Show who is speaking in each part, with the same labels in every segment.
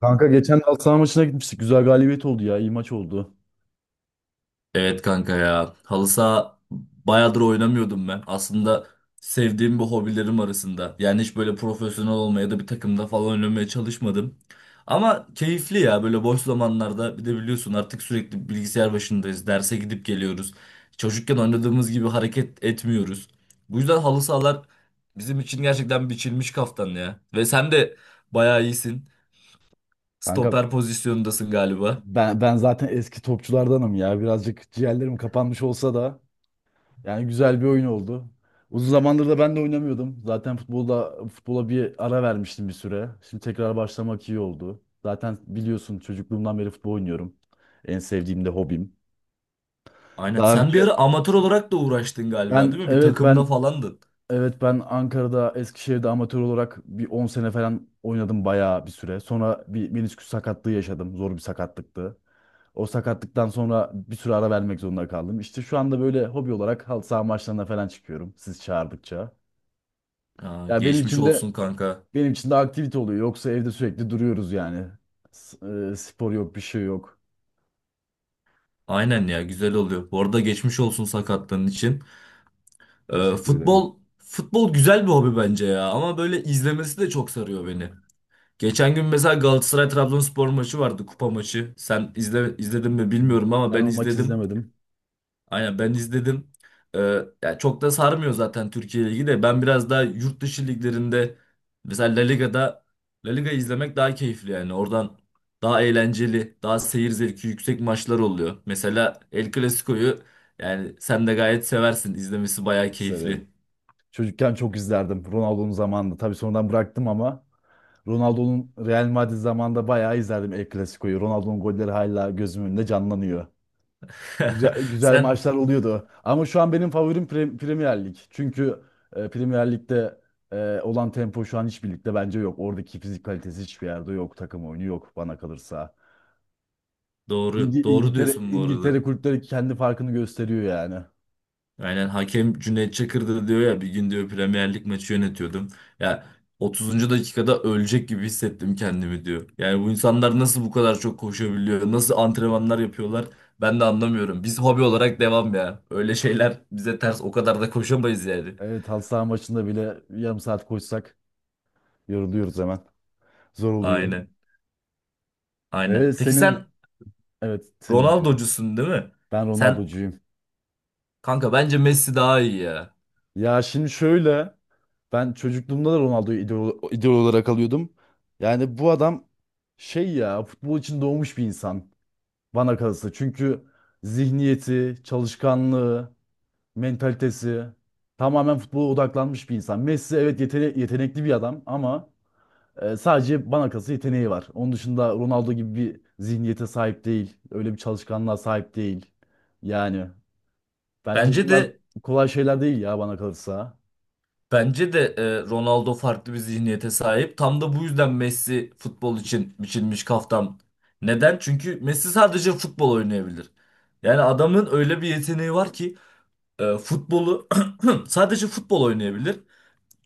Speaker 1: Kanka geçen halı saha maçına gitmiştik. Güzel galibiyet oldu ya. İyi maç oldu.
Speaker 2: Evet kanka ya. Halı saha bayağıdır oynamıyordum ben. Aslında sevdiğim bir hobilerim arasında. Yani hiç böyle profesyonel olmaya da bir takımda falan oynamaya çalışmadım. Ama keyifli ya böyle boş zamanlarda bir de biliyorsun artık sürekli bilgisayar başındayız. Derse gidip geliyoruz. Çocukken oynadığımız gibi hareket etmiyoruz. Bu yüzden halı sahalar bizim için gerçekten biçilmiş kaftan ya. Ve sen de bayağı iyisin.
Speaker 1: Kanka
Speaker 2: Stoper pozisyonundasın galiba.
Speaker 1: ben zaten eski topçulardanım ya. Birazcık ciğerlerim kapanmış olsa da yani güzel bir oyun oldu. Uzun zamandır da ben de oynamıyordum. Zaten futbola bir ara vermiştim bir süre. Şimdi tekrar başlamak iyi oldu. Zaten biliyorsun çocukluğumdan beri futbol oynuyorum. En sevdiğim de hobim.
Speaker 2: Aynen.
Speaker 1: Daha
Speaker 2: Sen bir ara
Speaker 1: önce,
Speaker 2: amatör olarak da uğraştın galiba,
Speaker 1: ben
Speaker 2: değil mi? Bir
Speaker 1: evet
Speaker 2: takımda
Speaker 1: ben
Speaker 2: falandın.
Speaker 1: Evet ben Ankara'da, Eskişehir'de amatör olarak bir 10 sene falan oynadım, bayağı bir süre. Sonra bir menisküs sakatlığı yaşadım. Zor bir sakatlıktı. O sakatlıktan sonra bir süre ara vermek zorunda kaldım. İşte şu anda böyle hobi olarak halı saha maçlarına falan çıkıyorum, siz çağırdıkça.
Speaker 2: Aa,
Speaker 1: Ya benim
Speaker 2: geçmiş
Speaker 1: için de
Speaker 2: olsun kanka.
Speaker 1: benim için de aktivite oluyor. Yoksa evde sürekli duruyoruz yani. S- Spor yok, bir şey yok.
Speaker 2: Aynen ya, güzel oluyor. Bu arada geçmiş olsun sakatlığın için.
Speaker 1: Teşekkür ederim.
Speaker 2: Futbol güzel bir hobi bence ya ama böyle izlemesi de çok sarıyor beni. Geçen gün mesela Galatasaray Trabzonspor maçı vardı, kupa maçı. Sen izle, izledin mi bilmiyorum ama
Speaker 1: Ben
Speaker 2: ben
Speaker 1: o maç
Speaker 2: izledim.
Speaker 1: izlemedim.
Speaker 2: Aynen ben izledim. Ee, Ya çok da sarmıyor zaten Türkiye Ligi de. Ben biraz daha yurt dışı liglerinde mesela La Liga izlemek daha keyifli yani. Oradan daha eğlenceli, daha seyir zevki yüksek maçlar oluyor. Mesela El Clasico'yu yani sen de gayet seversin. İzlemesi bayağı
Speaker 1: Hiç
Speaker 2: keyifli.
Speaker 1: severim. Çocukken çok izlerdim Ronaldo'nun zamanında. Tabii sonradan bıraktım ama Ronaldo'nun Real Madrid zamanında bayağı izlerdim El Clasico'yu. Ronaldo'nun golleri hala gözümün önünde canlanıyor. Güzel, güzel
Speaker 2: Sen
Speaker 1: maçlar oluyordu. Ama şu an benim favorim Premier Lig. Çünkü Premier Lig'de olan tempo şu an hiçbir ligde bence yok. Oradaki fizik kalitesi hiçbir yerde yok. Takım oyunu yok bana kalırsa. İngi-
Speaker 2: doğru, doğru
Speaker 1: İngiltere,
Speaker 2: diyorsun bu
Speaker 1: İngiltere
Speaker 2: arada.
Speaker 1: kulüpleri kendi farkını gösteriyor yani.
Speaker 2: Aynen, hakem Cüneyt Çakır'dı. Diyor ya bir gün, diyor, Premier Lig maçı yönetiyordum. Ya 30. dakikada ölecek gibi hissettim kendimi, diyor. Yani bu insanlar nasıl bu kadar çok koşabiliyor? Nasıl antrenmanlar yapıyorlar? Ben de anlamıyorum. Biz hobi olarak devam ya. Öyle şeyler bize ters. O kadar da koşamayız yani.
Speaker 1: Evet, halı saha maçında bile yarım saat koşsak yoruluyoruz hemen. Zor oluyor.
Speaker 2: Aynen. Aynen.
Speaker 1: Evet
Speaker 2: Peki sen
Speaker 1: senin evet, senin diyorum.
Speaker 2: Ronaldo'cusun, değil mi?
Speaker 1: Ben
Speaker 2: Sen
Speaker 1: Ronaldo'cuyum.
Speaker 2: kanka, bence Messi daha iyi ya.
Speaker 1: Ya şimdi şöyle, ben çocukluğumda da Ronaldo'yu idol olarak alıyordum. Yani bu adam, şey ya, futbol için doğmuş bir insan bana kalırsa. Çünkü zihniyeti, çalışkanlığı, mentalitesi tamamen futbola odaklanmış bir insan. Messi, evet, yetenekli bir adam ama sadece bana kalırsa yeteneği var. Onun dışında Ronaldo gibi bir zihniyete sahip değil. Öyle bir çalışkanlığa sahip değil. Yani, bence
Speaker 2: Bence
Speaker 1: bunlar
Speaker 2: de
Speaker 1: kolay şeyler değil ya bana kalırsa.
Speaker 2: Ronaldo farklı bir zihniyete sahip. Tam da bu yüzden Messi futbol için biçilmiş kaftan. Neden? Çünkü Messi sadece futbol oynayabilir. Yani adamın öyle bir yeteneği var ki e, futbolu sadece futbol oynayabilir.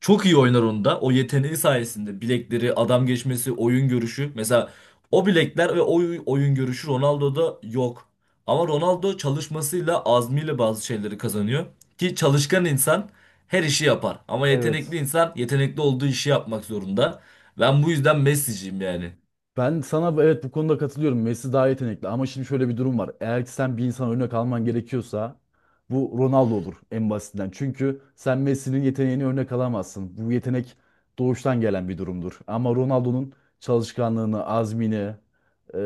Speaker 2: Çok iyi oynar onda. O yeteneği sayesinde bilekleri, adam geçmesi, oyun görüşü. Mesela o bilekler ve oyun görüşü Ronaldo'da yok. Ama Ronaldo çalışmasıyla, azmiyle bazı şeyleri kazanıyor. Ki çalışkan insan her işi yapar. Ama
Speaker 1: Evet.
Speaker 2: yetenekli insan yetenekli olduğu işi yapmak zorunda. Ben bu yüzden Messi'ciyim yani.
Speaker 1: Ben sana, evet, bu konuda katılıyorum. Messi daha yetenekli ama şimdi şöyle bir durum var. Eğer ki sen bir insan örnek alman gerekiyorsa bu Ronaldo olur en basitinden. Çünkü sen Messi'nin yeteneğini örnek alamazsın. Bu yetenek doğuştan gelen bir durumdur. Ama Ronaldo'nun çalışkanlığını, azmini,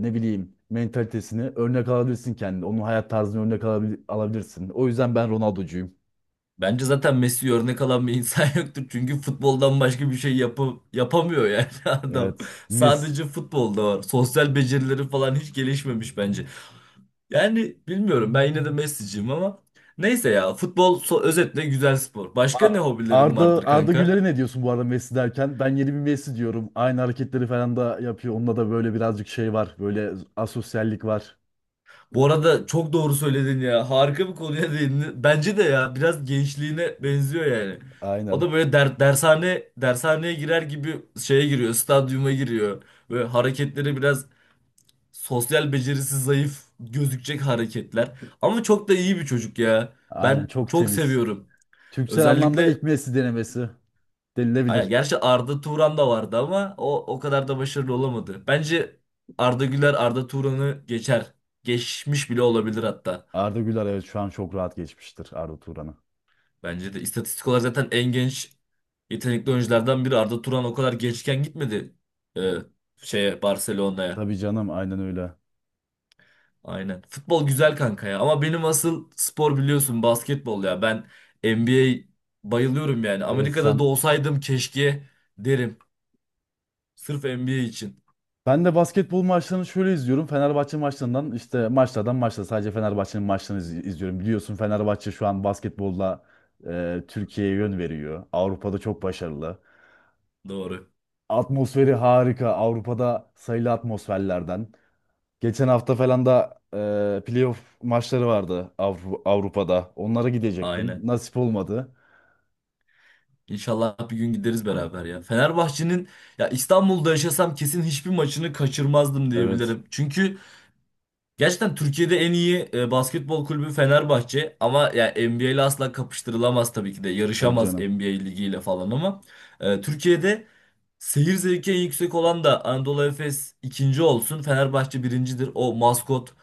Speaker 1: ne bileyim, mentalitesini örnek alabilirsin kendine. Onun hayat tarzını örnek alabilirsin. O yüzden ben Ronaldo'cuyum.
Speaker 2: Bence zaten Messi örnek alan bir insan yoktur. Çünkü futboldan başka bir şey yapamıyor yani adam.
Speaker 1: Evet. Messi,
Speaker 2: Sadece futbolda var. Sosyal becerileri falan hiç gelişmemiş bence. Yani bilmiyorum, ben yine de Messi'ciyim ama neyse ya, futbol özetle güzel spor. Başka ne
Speaker 1: A-
Speaker 2: hobilerim
Speaker 1: Arda
Speaker 2: vardır
Speaker 1: Arda
Speaker 2: kanka?
Speaker 1: Güler'e ne diyorsun bu arada, Messi derken? Ben yeni bir Messi diyorum. Aynı hareketleri falan da yapıyor. Onunla da böyle birazcık şey var. Böyle asosyallik var.
Speaker 2: Bu arada çok doğru söyledin ya. Harika bir konuya değindin. Bence de ya biraz gençliğine benziyor yani. O
Speaker 1: Aynen.
Speaker 2: da böyle, dershaneye girer gibi şeye giriyor, stadyuma giriyor. Böyle hareketleri biraz sosyal becerisi zayıf gözükecek hareketler. Ama çok da iyi bir çocuk ya.
Speaker 1: Aynen,
Speaker 2: Ben
Speaker 1: çok
Speaker 2: çok
Speaker 1: temiz.
Speaker 2: seviyorum.
Speaker 1: Türksel anlamda
Speaker 2: Özellikle
Speaker 1: ilk Messi denemesi
Speaker 2: Aynen,
Speaker 1: denilebilir.
Speaker 2: gerçi Arda Turan da vardı ama o kadar da başarılı olamadı. Bence Arda Güler Arda Turan'ı geçer. Geçmiş bile olabilir hatta.
Speaker 1: Arda Güler, evet, şu an çok rahat geçmiştir Arda Turan'ı.
Speaker 2: Bence de istatistik olarak zaten en genç yetenekli oyunculardan biri. Arda Turan o kadar gençken gitmedi e, Barcelona'ya.
Speaker 1: Tabii canım, aynen öyle.
Speaker 2: Aynen. Futbol güzel kanka ya ama benim asıl spor biliyorsun basketbol ya. Ben NBA bayılıyorum yani.
Speaker 1: Evet.
Speaker 2: Amerika'da da olsaydım keşke, derim. Sırf NBA için.
Speaker 1: Ben de basketbol maçlarını şöyle izliyorum. Fenerbahçe işte maçta sadece Fenerbahçe'nin maçlarını izliyorum. Biliyorsun, Fenerbahçe şu an basketbolla Türkiye'ye yön veriyor. Avrupa'da çok başarılı.
Speaker 2: Doğru.
Speaker 1: Atmosferi harika. Avrupa'da sayılı atmosferlerden. Geçen hafta falan da playoff maçları vardı Avrupa'da. Onlara gidecektim.
Speaker 2: Aynen.
Speaker 1: Nasip olmadı.
Speaker 2: İnşallah bir gün gideriz beraber ya. Fenerbahçe'nin, ya İstanbul'da yaşasam kesin hiçbir maçını kaçırmazdım
Speaker 1: Evet.
Speaker 2: diyebilirim. Çünkü gerçekten Türkiye'de en iyi basketbol kulübü Fenerbahçe ama ya NBA ile asla kapıştırılamaz tabii ki de.
Speaker 1: Tabii
Speaker 2: Yarışamaz
Speaker 1: canım.
Speaker 2: NBA ligiyle falan ama Türkiye'de seyir zevki en yüksek olan da Anadolu Efes ikinci olsun. Fenerbahçe birincidir. O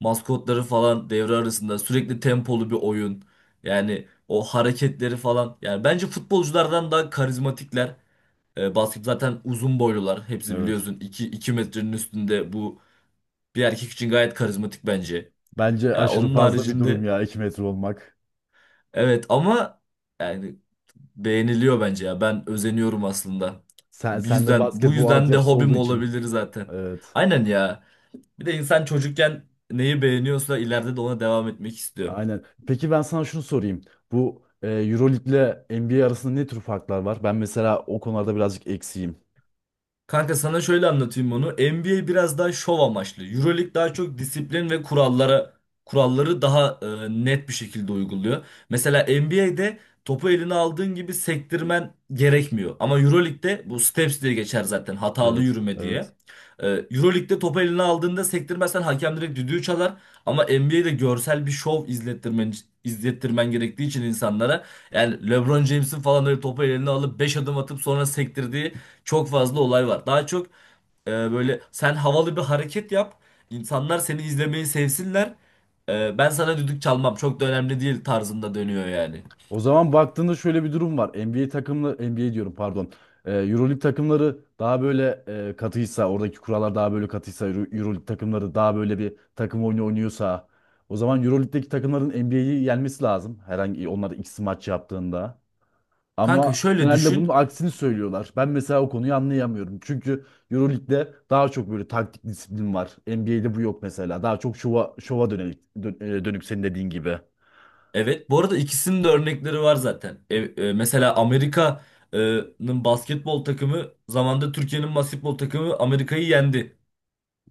Speaker 2: maskotları falan devre arasında sürekli tempolu bir oyun. Yani o hareketleri falan. Yani bence futbolculardan daha karizmatikler. Basket zaten uzun boylular. Hepsi
Speaker 1: Evet.
Speaker 2: biliyorsun 2 metrenin üstünde. Bu bir erkek için gayet karizmatik bence.
Speaker 1: Bence
Speaker 2: Ya
Speaker 1: aşırı
Speaker 2: onun
Speaker 1: fazla bir durum
Speaker 2: haricinde,
Speaker 1: ya 2 metre olmak.
Speaker 2: evet ama yani beğeniliyor bence ya. Ben özeniyorum aslında.
Speaker 1: Sen,
Speaker 2: Bu
Speaker 1: sen de
Speaker 2: yüzden bu
Speaker 1: basketbol
Speaker 2: yüzden de
Speaker 1: altyapısı olduğu
Speaker 2: hobim
Speaker 1: için.
Speaker 2: olabilir zaten.
Speaker 1: Evet.
Speaker 2: Aynen ya. Bir de insan çocukken neyi beğeniyorsa ileride de ona devam etmek istiyor.
Speaker 1: Aynen. Peki ben sana şunu sorayım. Bu Euroleague ile NBA arasında ne tür farklar var? Ben mesela o konularda birazcık eksiğim.
Speaker 2: Kanka sana şöyle anlatayım onu. NBA biraz daha şov amaçlı. EuroLeague daha çok disiplin ve kuralları daha net bir şekilde uyguluyor. Mesela NBA'de topu eline aldığın gibi sektirmen gerekmiyor. Ama EuroLeague'de bu steps diye geçer zaten, hatalı
Speaker 1: Evet,
Speaker 2: yürüme
Speaker 1: evet.
Speaker 2: diye. EuroLeague'de topu eline aldığında sektirmezsen hakem direkt düdüğü çalar. Ama NBA'de görsel bir şov izlettirmen gerektiği için insanlara, yani LeBron James'in falan öyle topu eline alıp 5 adım atıp sonra sektirdiği çok fazla olay var. Daha çok böyle sen havalı bir hareket yap, insanlar seni izlemeyi sevsinler. Ben sana düdük çalmam çok da önemli değil tarzında dönüyor yani.
Speaker 1: O zaman baktığında şöyle bir durum var. NBA takımları, NBA diyorum, pardon. Euroleague takımları daha böyle katıysa, oradaki kurallar daha böyle katıysa, Euroleague takımları daha böyle bir takım oyunu oynuyorsa, o zaman Euroleague'deki takımların NBA'yi yenmesi lazım. Herhangi onlar ikisi maç yaptığında. Ama
Speaker 2: Kanka şöyle
Speaker 1: genelde bunun
Speaker 2: düşün.
Speaker 1: aksini söylüyorlar. Ben mesela o konuyu anlayamıyorum. Çünkü EuroLeague'de daha çok böyle taktik disiplin var. NBA'de bu yok mesela. Daha çok şova dönük, senin dediğin gibi.
Speaker 2: Evet, bu arada ikisinin de örnekleri var zaten. Mesela Amerika'nın basketbol takımı zamanda Türkiye'nin basketbol takımı Amerika'yı yendi.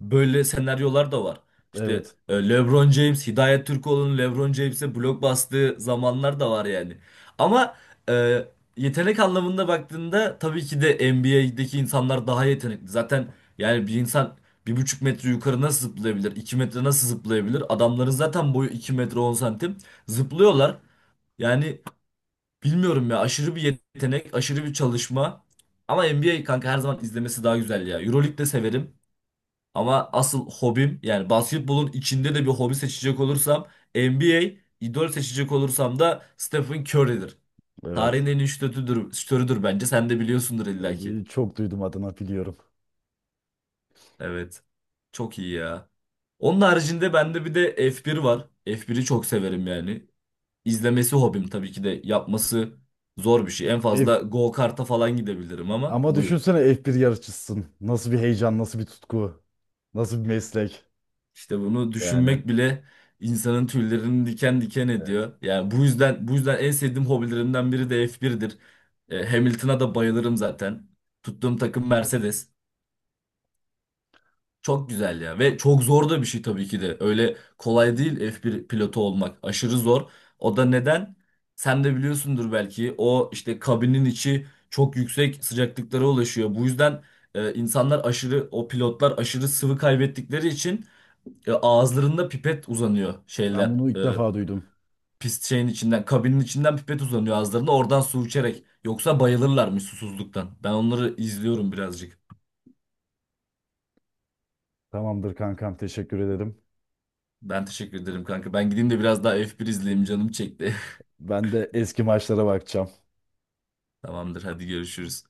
Speaker 2: Böyle senaryolar da var. İşte
Speaker 1: Evet,
Speaker 2: LeBron James, Hidayet Türkoğlu'nun LeBron James'e blok bastığı zamanlar da var yani. Ama e, yetenek anlamında baktığında tabii ki de NBA'deki insanlar daha yetenekli. Zaten yani bir insan 1,5 metre yukarı nasıl zıplayabilir? 2 metre nasıl zıplayabilir? Adamların zaten boyu 2 metre 10 santim. Zıplıyorlar. Yani bilmiyorum ya, aşırı bir yetenek, aşırı bir çalışma. Ama NBA kanka her zaman izlemesi daha güzel ya. Euroleague de severim. Ama asıl hobim, yani basketbolun içinde de bir hobi seçecek olursam NBA, idol seçecek olursam da Stephen Curry'dir. Tarihin
Speaker 1: evet.
Speaker 2: en iyi şutörüdür bence. Sen de biliyorsundur illaki.
Speaker 1: Çok duydum adına, biliyorum.
Speaker 2: Evet. Çok iyi ya. Onun haricinde bende bir de F1 var. F1'i çok severim yani. İzlemesi hobim, tabii ki de yapması zor bir şey. En
Speaker 1: F-
Speaker 2: fazla go-kart'a falan gidebilirim ama
Speaker 1: ama
Speaker 2: buyur.
Speaker 1: düşünsene, F1 yarışçısın. Nasıl bir heyecan, nasıl bir tutku, nasıl bir meslek.
Speaker 2: İşte bunu
Speaker 1: Yani
Speaker 2: düşünmek bile insanın tüylerini diken diken
Speaker 1: evet.
Speaker 2: ediyor. Yani bu yüzden en sevdiğim hobilerimden biri de F1'dir. Hamilton'a da bayılırım zaten. Tuttuğum takım Mercedes. Çok güzel ya ve çok zor da bir şey tabii ki de. Öyle kolay değil F1 pilotu olmak. Aşırı zor. O da neden? Sen de biliyorsundur belki. O işte kabinin içi çok yüksek sıcaklıklara ulaşıyor. Bu yüzden e, insanlar aşırı o pilotlar aşırı sıvı kaybettikleri için ağızlarında pipet uzanıyor
Speaker 1: Ben
Speaker 2: şeyler.
Speaker 1: bunu
Speaker 2: E,
Speaker 1: ilk defa duydum.
Speaker 2: pist şeyin içinden, kabinin içinden pipet uzanıyor ağızlarında. Oradan su içerek. Yoksa bayılırlarmış susuzluktan. Ben onları izliyorum birazcık.
Speaker 1: Tamamdır kankam, teşekkür ederim.
Speaker 2: Ben teşekkür ederim kanka. Ben gideyim de biraz daha bir izleyeyim. Canım çekti.
Speaker 1: Ben de eski maçlara bakacağım.
Speaker 2: Tamamdır, hadi görüşürüz.